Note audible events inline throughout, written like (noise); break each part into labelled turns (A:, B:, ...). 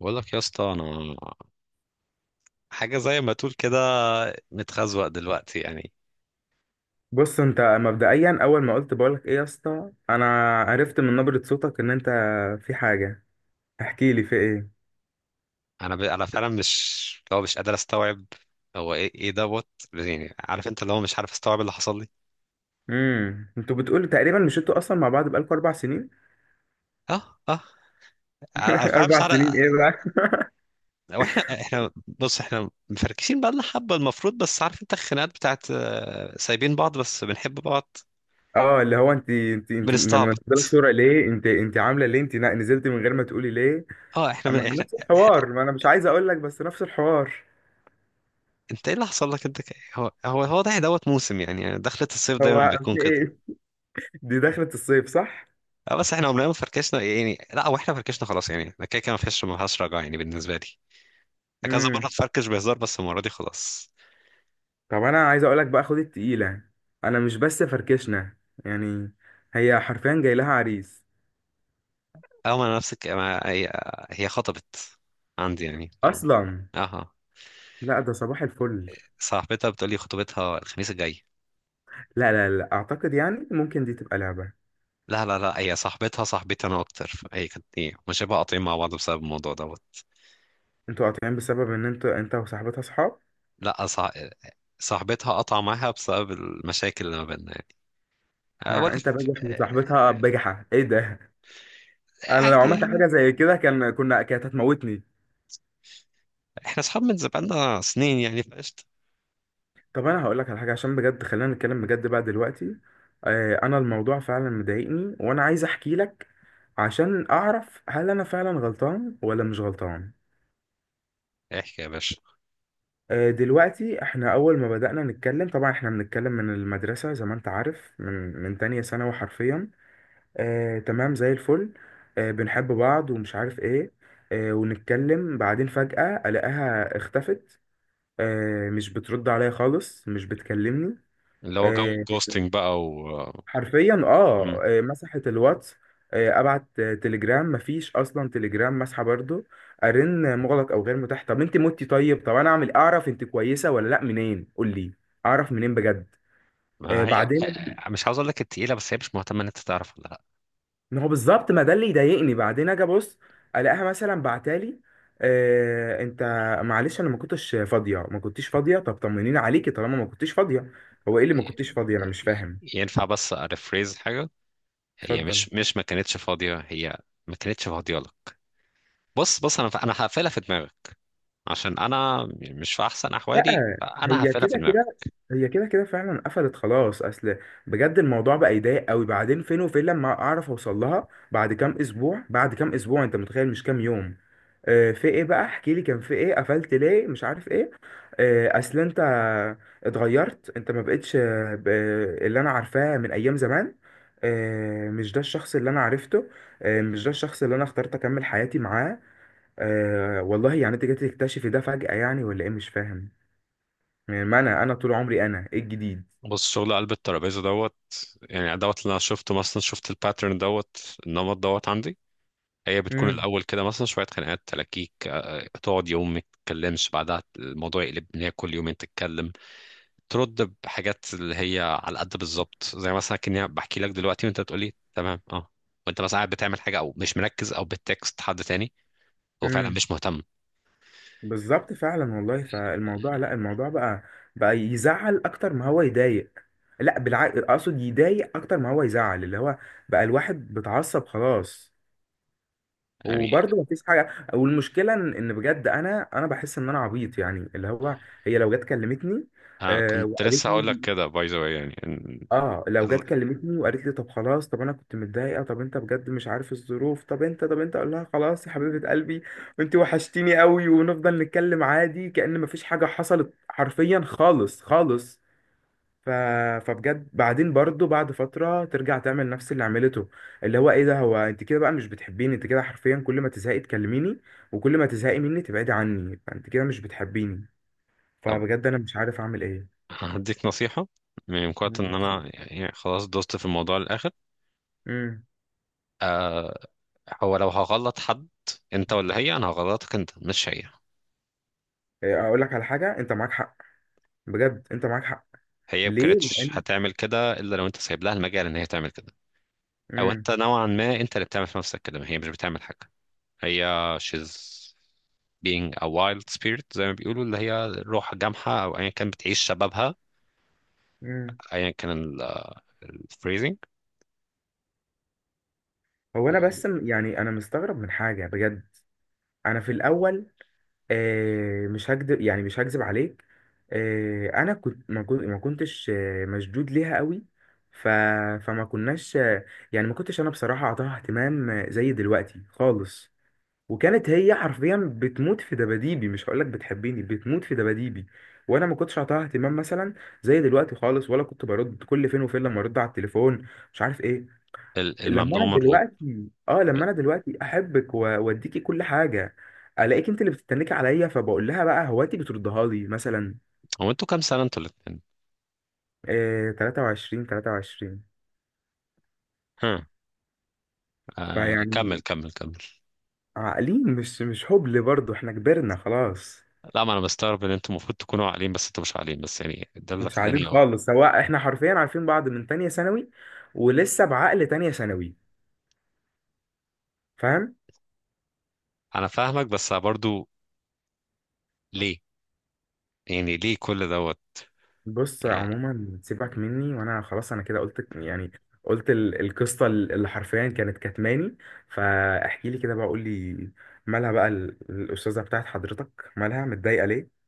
A: بقول لك يا اسطى، انا حاجه زي ما تقول كده متخزوق دلوقتي يعني.
B: بص انت مبدئيا اول ما قلت بقولك ايه يا اسطى انا، عرفت من نبرة صوتك ان انت في حاجة. احكي لي في ايه؟
A: انا فعلا مش، لو مش قادر استوعب، هو ايه دوت. يعني عارف انت، اللي هو مش عارف استوعب اللي حصل لي.
B: انتوا بتقولوا تقريبا، مش انتوا اصلا مع بعض بقالكوا 4 سنين؟
A: اه اه،
B: (laughs)
A: انا فعلا مش
B: اربع
A: عارف.
B: سنين ايه بقى؟
A: واحنا بص، احنا مفركشين بقى لنا حبه المفروض، بس عارف انت الخناقات بتاعت، سايبين بعض بس بنحب بعض.
B: اه، اللي هو انت لما تنزلي
A: بنستعبط.
B: صورة ليه؟ انت عاملة ليه؟ انت نزلت من غير ما تقولي ليه؟
A: اه احنا من...
B: اما
A: احنا
B: نفس الحوار، ما انا مش عايز اقول لك، بس نفس الحوار.
A: انت ايه اللي حصل لك، هو ده دوت موسم، يعني دخلة الصيف دايما
B: هو
A: بيكون
B: في
A: كده.
B: ايه؟ (laughs) دي دخلة الصيف، صح؟
A: اه، بس احنا عمرنا ما فركشنا يعني. لا هو احنا فركشنا خلاص يعني، انا كده كده ما فيش، ما فيهاش رجعه يعني بالنسبه لي. انا كذا مره
B: امم.
A: اتفركش بهزار، بس المره دي خلاص.
B: طب انا عايز اقولك بقى، خد التقيلة. انا مش بس فركشنا يعني، هي حرفيا جاي لها عريس
A: اه، ما انا نفسك. ما هي هي خطبت عندي يعني، اه.
B: اصلا.
A: اها،
B: لا، ده صباح الفل.
A: صاحبتها بتقولي خطوبتها الخميس الجاي.
B: لا، لا، لا، اعتقد يعني ممكن دي تبقى لعبة.
A: لا لا لا، هي صاحبتها صاحبتي انا اكتر، هي كانت ايه، مش شبه قاطعين مع بعض بسبب الموضوع دوت.
B: انتوا قاطعين بسبب ان انتوا انت وصاحبتها صحاب؟
A: لا، صاحبتها قطع معاها بسبب المشاكل اللي ما بيننا يعني. أه، ولا
B: ما انت
A: في...
B: بجح وصاحبتها
A: أه،
B: بجحة، ايه ده؟ انا لو
A: عادي
B: عملت حاجة
A: يعني.
B: زي كده كانت هتموتني.
A: احنا اصحاب من زمان سنين يعني، فقشطة.
B: طب انا هقول لك على حاجه، عشان بجد خلينا نتكلم بجد بقى دلوقتي. انا الموضوع فعلا مضايقني وانا عايز احكي لك، عشان اعرف هل انا فعلا غلطان ولا مش غلطان.
A: احكي يا باشا.
B: دلوقتي احنا اول ما بدأنا نتكلم، طبعا احنا بنتكلم من المدرسه زي ما انت عارف، من تانية ثانوي حرفيا. تمام زي الفل. بنحب بعض ومش عارف ايه. ونتكلم، بعدين فجأة الاقيها اختفت. مش بترد عليا خالص، مش بتكلمني.
A: اللي هو جو
B: آه،
A: الجوستنج بقى و...
B: حرفيا،
A: مم.
B: مسحت الواتس. ابعت تليجرام، مفيش اصلا، تليجرام مسحه برضو. ارن مغلق او غير متاح. طب انت متي؟ طيب، طب انا اعمل، اعرف انت كويسه ولا لا منين؟ قول لي اعرف منين بجد.
A: ما هي،
B: بعدين،
A: مش عاوز اقول لك التقيله، بس هي مش مهتمه ان انت تعرف ولا لا.
B: ما هو بالظبط، ما ده اللي يضايقني. بعدين اجي ابص الاقيها مثلا بعتالي انت معلش انا ما كنتش فاضيه، ما كنتيش فاضيه. طب طمنيني عليكي طالما ما كنتيش فاضيه. هو ايه اللي ما كنتيش فاضيه؟ انا مش فاهم.
A: ينفع بس اريفريز حاجه؟ هي مش
B: اتفضل.
A: مش ما كانتش فاضيه، هي ما كانتش فاضيه لك. بص بص، انا هقفلها في دماغك، عشان انا مش في احسن احوالي،
B: لا،
A: فانا
B: هي
A: هقفلها في
B: كده كده
A: دماغك.
B: هي كده كده فعلا قفلت خلاص. اصل بجد الموضوع بقى يضايق قوي. بعدين فين وفين لما اعرف اوصل لها، بعد كام اسبوع، بعد كام اسبوع، انت متخيل، مش كام يوم؟ في ايه بقى؟ احكي لي كان في ايه، قفلت ليه مش عارف ايه. اصل انت اتغيرت، انت ما بقتش اللي انا عارفاه من ايام زمان. مش ده الشخص اللي انا عرفته. مش ده الشخص اللي انا اخترت اكمل حياتي معاه. والله يعني انت جيت تكتشفي ده فجأة يعني ولا ايه؟ مش فاهم. يعني ما انا طول عمري، انا ايه الجديد؟
A: بص، شغل قلب الترابيزه دوت. يعني دوت اللي انا شفته، مثلا شفت الباترن دوت، النمط دوت عندي. هي بتكون
B: امم.
A: الأول كده، مثلا شوية خناقات تلاكيك، تقعد يوم ما تتكلمش، بعدها الموضوع يقلب إن هي كل يومين تتكلم، ترد بحاجات اللي هي على قد، بالظبط زي مثلا كأني بحكي لك دلوقتي وأنت بتقولي تمام. وأنت مثلا قاعد بتعمل حاجة، أو مش مركز، أو بتكست حد تاني، وفعلا
B: امم.
A: مش مهتم.
B: بالظبط فعلا والله. فالموضوع، لا الموضوع بقى يزعل اكتر ما هو يضايق. لا بالعكس، اقصد يضايق اكتر ما هو يزعل. اللي هو بقى الواحد بتعصب خلاص،
A: يعني
B: وبرضه مفيش حاجه. والمشكله ان بجد انا، بحس ان انا عبيط يعني، اللي هو، هي لو جت كلمتني
A: أنا كنت
B: وقالت
A: لسه هقول لك
B: لي،
A: كده باي ذا واي، يعني
B: اه لو
A: ال-
B: جت كلمتني وقالت لي طب خلاص، طب انا كنت متضايقه، طب انت بجد مش عارف الظروف، طب انت اقول لها خلاص يا حبيبه قلبي وانت وحشتيني قوي ونفضل نتكلم عادي كأن مفيش حاجه حصلت حرفيا، خالص خالص. ف... فبجد بعدين برضو، بعد فتره ترجع تعمل نفس اللي عملته، اللي هو ايه ده؟ هو انت كده بقى مش بتحبيني. انت كده حرفيا كل ما تزهقي تكلميني، وكل ما تزهقي مني تبعدي عني، فانت كده مش بتحبيني.
A: طب
B: فبجد انا مش عارف اعمل ايه.
A: هديك نصيحة. من قوة
B: مم.
A: إن أنا، يعني خلاص دوست في الموضوع للآخر.
B: امم.
A: هو لو هغلط حد، انت ولا هي، انا هغلطك انت مش هي.
B: إيه، اقول لك على حاجه، انت معاك حق. بجد انت معاك حق.
A: هي ما
B: ليه،
A: كانتش
B: لان.
A: هتعمل كده الا لو انت سايب لها المجال ان هي تعمل كده. او
B: امم.
A: انت نوعا ما، انت اللي بتعمل في نفسك كده، ما هي مش بتعمل حاجه. هي she's being a wild spirit، زي ما بيقولوا، اللي هي روح جامحه او ايا كان، بتعيش شبابها،
B: امم.
A: ايا كان. الفريزنج.
B: هو انا بس يعني انا مستغرب من حاجه بجد. انا في الاول، مش هكدب يعني، مش هكذب عليك. انا كنت ما كنت ما كنتش مشدود ليها قوي. ف فما كناش يعني ما كنتش انا بصراحه اعطاها اهتمام زي دلوقتي خالص. وكانت هي حرفيا بتموت في دباديبي، مش هقولك بتحبني، بتموت في دباديبي. وانا ما كنتش اعطاها اهتمام مثلا زي دلوقتي خالص، ولا كنت برد، كل فين وفين لما ارد على التليفون، مش عارف ايه. لما
A: الممنوع
B: انا
A: مرغوب.
B: دلوقتي احبك واديكي كل حاجه، الاقيك انت اللي بتتنكي عليا، فبقول لها بقى هواتي بتردها لي مثلا.
A: هو انتوا كام سنه، انتوا الاثنين؟
B: إيه، 23، 23.
A: ها. آه، كمل
B: فيعني
A: كمل كمل.
B: عاقلين، مش هبل برضه، احنا كبرنا خلاص.
A: لا، ما انا مستغرب ان انتوا المفروض تكونوا عاقلين، بس انتوا مش عاقلين، بس يعني ده اللي
B: مش عاقلين
A: خلاني.
B: خالص، سواء احنا حرفيا عارفين بعض من تانية ثانوي ولسه بعقل تانية ثانوي، فاهم؟
A: انا فاهمك، بس برضو، ليه؟ يعني ليه كل دوت؟
B: بص
A: يعني،
B: عموما سيبك مني، وانا خلاص انا كده قلت يعني، قلت القصة اللي حرفيا كانت كتماني. فاحكي لي كده بقى، قول لي، مالها بقى الأستاذة بتاعت حضرتك، مالها متضايقة ليه؟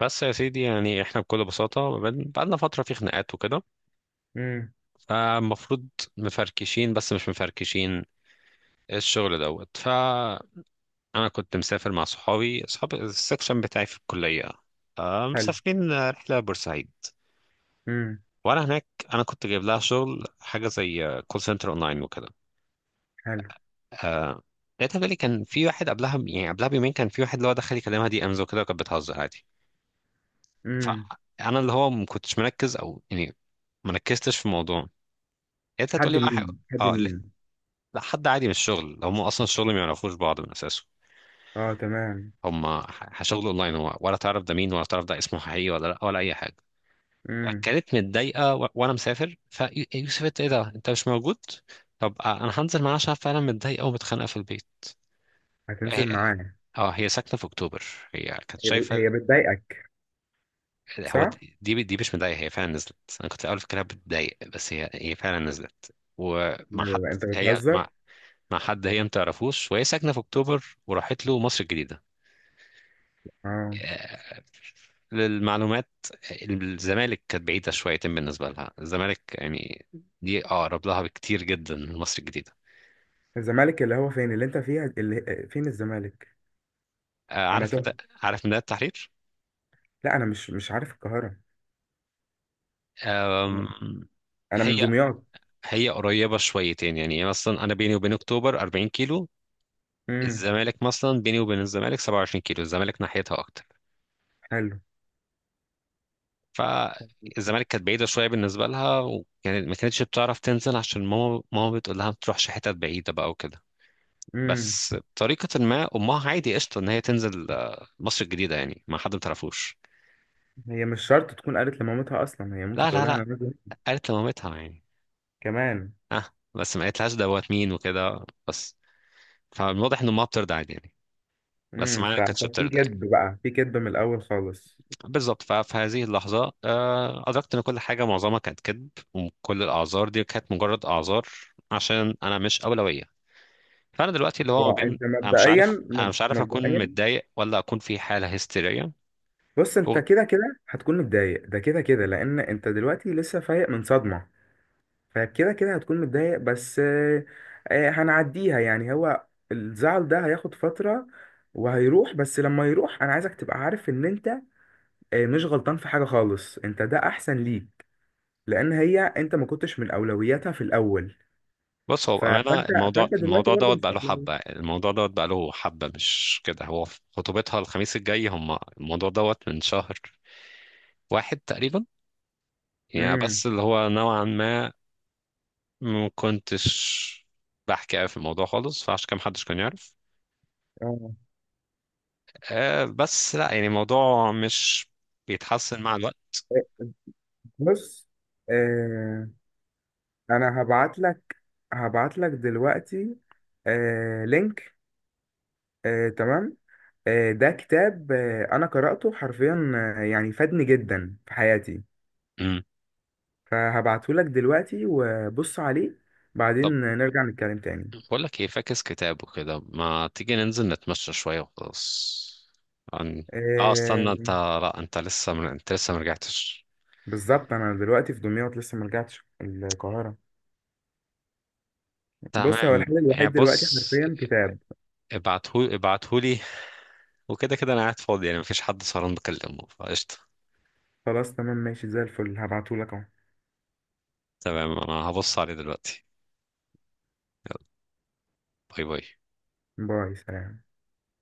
A: بس يا سيدي، يعني احنا بكل بساطة بقالنا فترة في خناقات وكده،
B: امم.
A: فالمفروض مفركشين بس مش مفركشين، الشغل دوت. فأنا كنت مسافر مع صحابي صحاب السكشن بتاعي في الكلية،
B: حلو.
A: مسافرين رحلة بورسعيد.
B: امم.
A: وأنا هناك، أنا كنت جايب لها شغل حاجة زي كول سنتر أونلاين وكده.
B: حلو.
A: آه، لقيتها بتقولي كان في واحد قبلها، يعني قبلها بيومين كان في واحد اللي هو دخل يكلمها دي أمز وكده، وكانت بتهزر عادي.
B: امم.
A: فانا اللي هو ما كنتش مركز، او يعني ما ركزتش في الموضوع. انت
B: حد
A: هتقولي بقى
B: مين؟ حد
A: اه لا،
B: مين؟
A: لا، حد عادي من الشغل، هم اصلا الشغل ما يعرفوش بعض من اساسه.
B: اه تمام.
A: هم شغل اونلاين، هو ولا تعرف ده مين، ولا تعرف ده اسمه حقيقي ولا لا، ولا اي حاجه.
B: امم.
A: كانت متضايقه، وانا مسافر، فيوسف انت ايه ده، انت مش موجود. طب، انا هنزل معاها عشان فعلا متضايقه ومتخانقه في البيت. هي-
B: هتنزل معايا؟
A: اه هي ساكنه في اكتوبر، هي كانت شايفه.
B: هي بتضايقك؟
A: هو
B: صح.
A: دي مش مضايقة، هي فعلا نزلت، انا كنت في الاول فاكرها بتضايق، بس هي فعلا نزلت.
B: لا،
A: ومع
B: لا،
A: حد،
B: لا، انت
A: هي مع
B: بتهزر.
A: مع حد هي ما تعرفوش، وهي ساكنة في اكتوبر، وراحت له مصر الجديدة.
B: اه.
A: آه، للمعلومات، الزمالك كانت بعيدة شويتين بالنسبة لها، الزمالك يعني دي اقرب لها بكتير جدا من مصر الجديدة.
B: الزمالك اللي هو فين اللي انت فيها؟ اللي فين الزمالك؟
A: آه،
B: انا
A: عارف مدى
B: تهت،
A: عارف مدى التحرير؟
B: لا انا مش عارف القاهره. انا،
A: أم،
B: من
A: هي
B: دمياط.
A: هي قريبة شويتين يعني، مثلا أنا بيني وبين أكتوبر 40 كيلو،
B: امم.
A: الزمالك مثلا بيني وبين الزمالك 27 كيلو، الزمالك ناحيتها اكتر.
B: حلو.
A: فالزمالك كانت بعيده شويه بالنسبه لها، وكانت ما كانتش بتعرف تنزل عشان ماما بتقول لها ما تروحش حتت بعيده بقى وكده.
B: امم.
A: بس بطريقه ما امها عادي قشطه ان هي تنزل مصر الجديده، يعني مع حد ما تعرفوش.
B: هي مش شرط تكون قالت لمامتها، اصلا هي ممكن
A: لا لا
B: تقولها
A: لا،
B: انا نازل
A: قالت لمامتها يعني.
B: كمان.
A: اه، بس ما قالتلهاش دوت مين وكده بس. فالواضح ان امها بترضى عادي يعني، بس
B: امم.
A: معايا ما كانتش
B: ففي
A: بترضى يعني.
B: كذب بقى، في كذب من الاول خالص.
A: بالظبط. ففي هذه اللحظة أدركت إن كل حاجة معظمها كانت كذب، وكل الأعذار دي كانت مجرد أعذار، عشان أنا مش أولوية. فأنا دلوقتي اللي هو ما بين،
B: وانت
A: أنا مش
B: مبدئيا،
A: عارف أنا مش عارف أكون متضايق ولا أكون في حالة هستيرية.
B: بص انت
A: وغ-
B: كده كده هتكون متضايق، ده كده كده لان انت دلوقتي لسه فايق من صدمه. فكده كده هتكون متضايق بس، هنعديها يعني. هو الزعل ده هياخد فترة وهيروح، بس لما يروح انا عايزك تبقى عارف ان انت مش غلطان في حاجة خالص. انت ده احسن ليك، لان هي، انت ما كنتش من اولوياتها في الاول.
A: بص، هو بأمانة
B: فانت،
A: الموضوع
B: فانت دلوقتي
A: الموضوع
B: برضو
A: دوت
B: مش
A: بقى له
B: مقلقان.
A: حبة، الموضوع دوت بقى له حبة، مش كده، هو في خطوبتها الخميس الجاي، هم الموضوع دوت من شهر واحد تقريبا يعني.
B: امم.
A: بس اللي هو نوعا ما، ما كنتش بحكي أوي في الموضوع خالص، فعشان كده محدش كان يعرف.
B: اه.
A: آه، بس لا يعني الموضوع مش بيتحسن مع الوقت.
B: آه، بص، آه، انا هبعت لك، هبعت لك دلوقتي لينك. تمام. ده كتاب، انا قرأته حرفيا، يعني فادني جدا في حياتي.
A: امم
B: فهبعته لك دلوقتي وبص عليه، بعدين
A: طب،
B: نرجع نتكلم تاني.
A: بقول لك ايه، فاكس كتاب وكده، ما تيجي ننزل نتمشى شوية وخلاص. عن- اه
B: آه،
A: استنى انت، لا انت لسه انت لسه مرجعتش.
B: بالظبط، انا دلوقتي في دمياط لسه ما رجعتش القاهرة. بص هو
A: تمام
B: الحل
A: يعني،
B: الوحيد دلوقتي
A: بص،
B: حرفيا كتاب.
A: ابعتهولي وكده كده انا قاعد فاضي، يعني مفيش حد سهران بكلمه فقشطة.
B: خلاص تمام، ماشي، زي الفل، هبعته لك اهو.
A: تمام، انا هبص عليه دلوقتي. يلا، باي باي.
B: باي، سلام.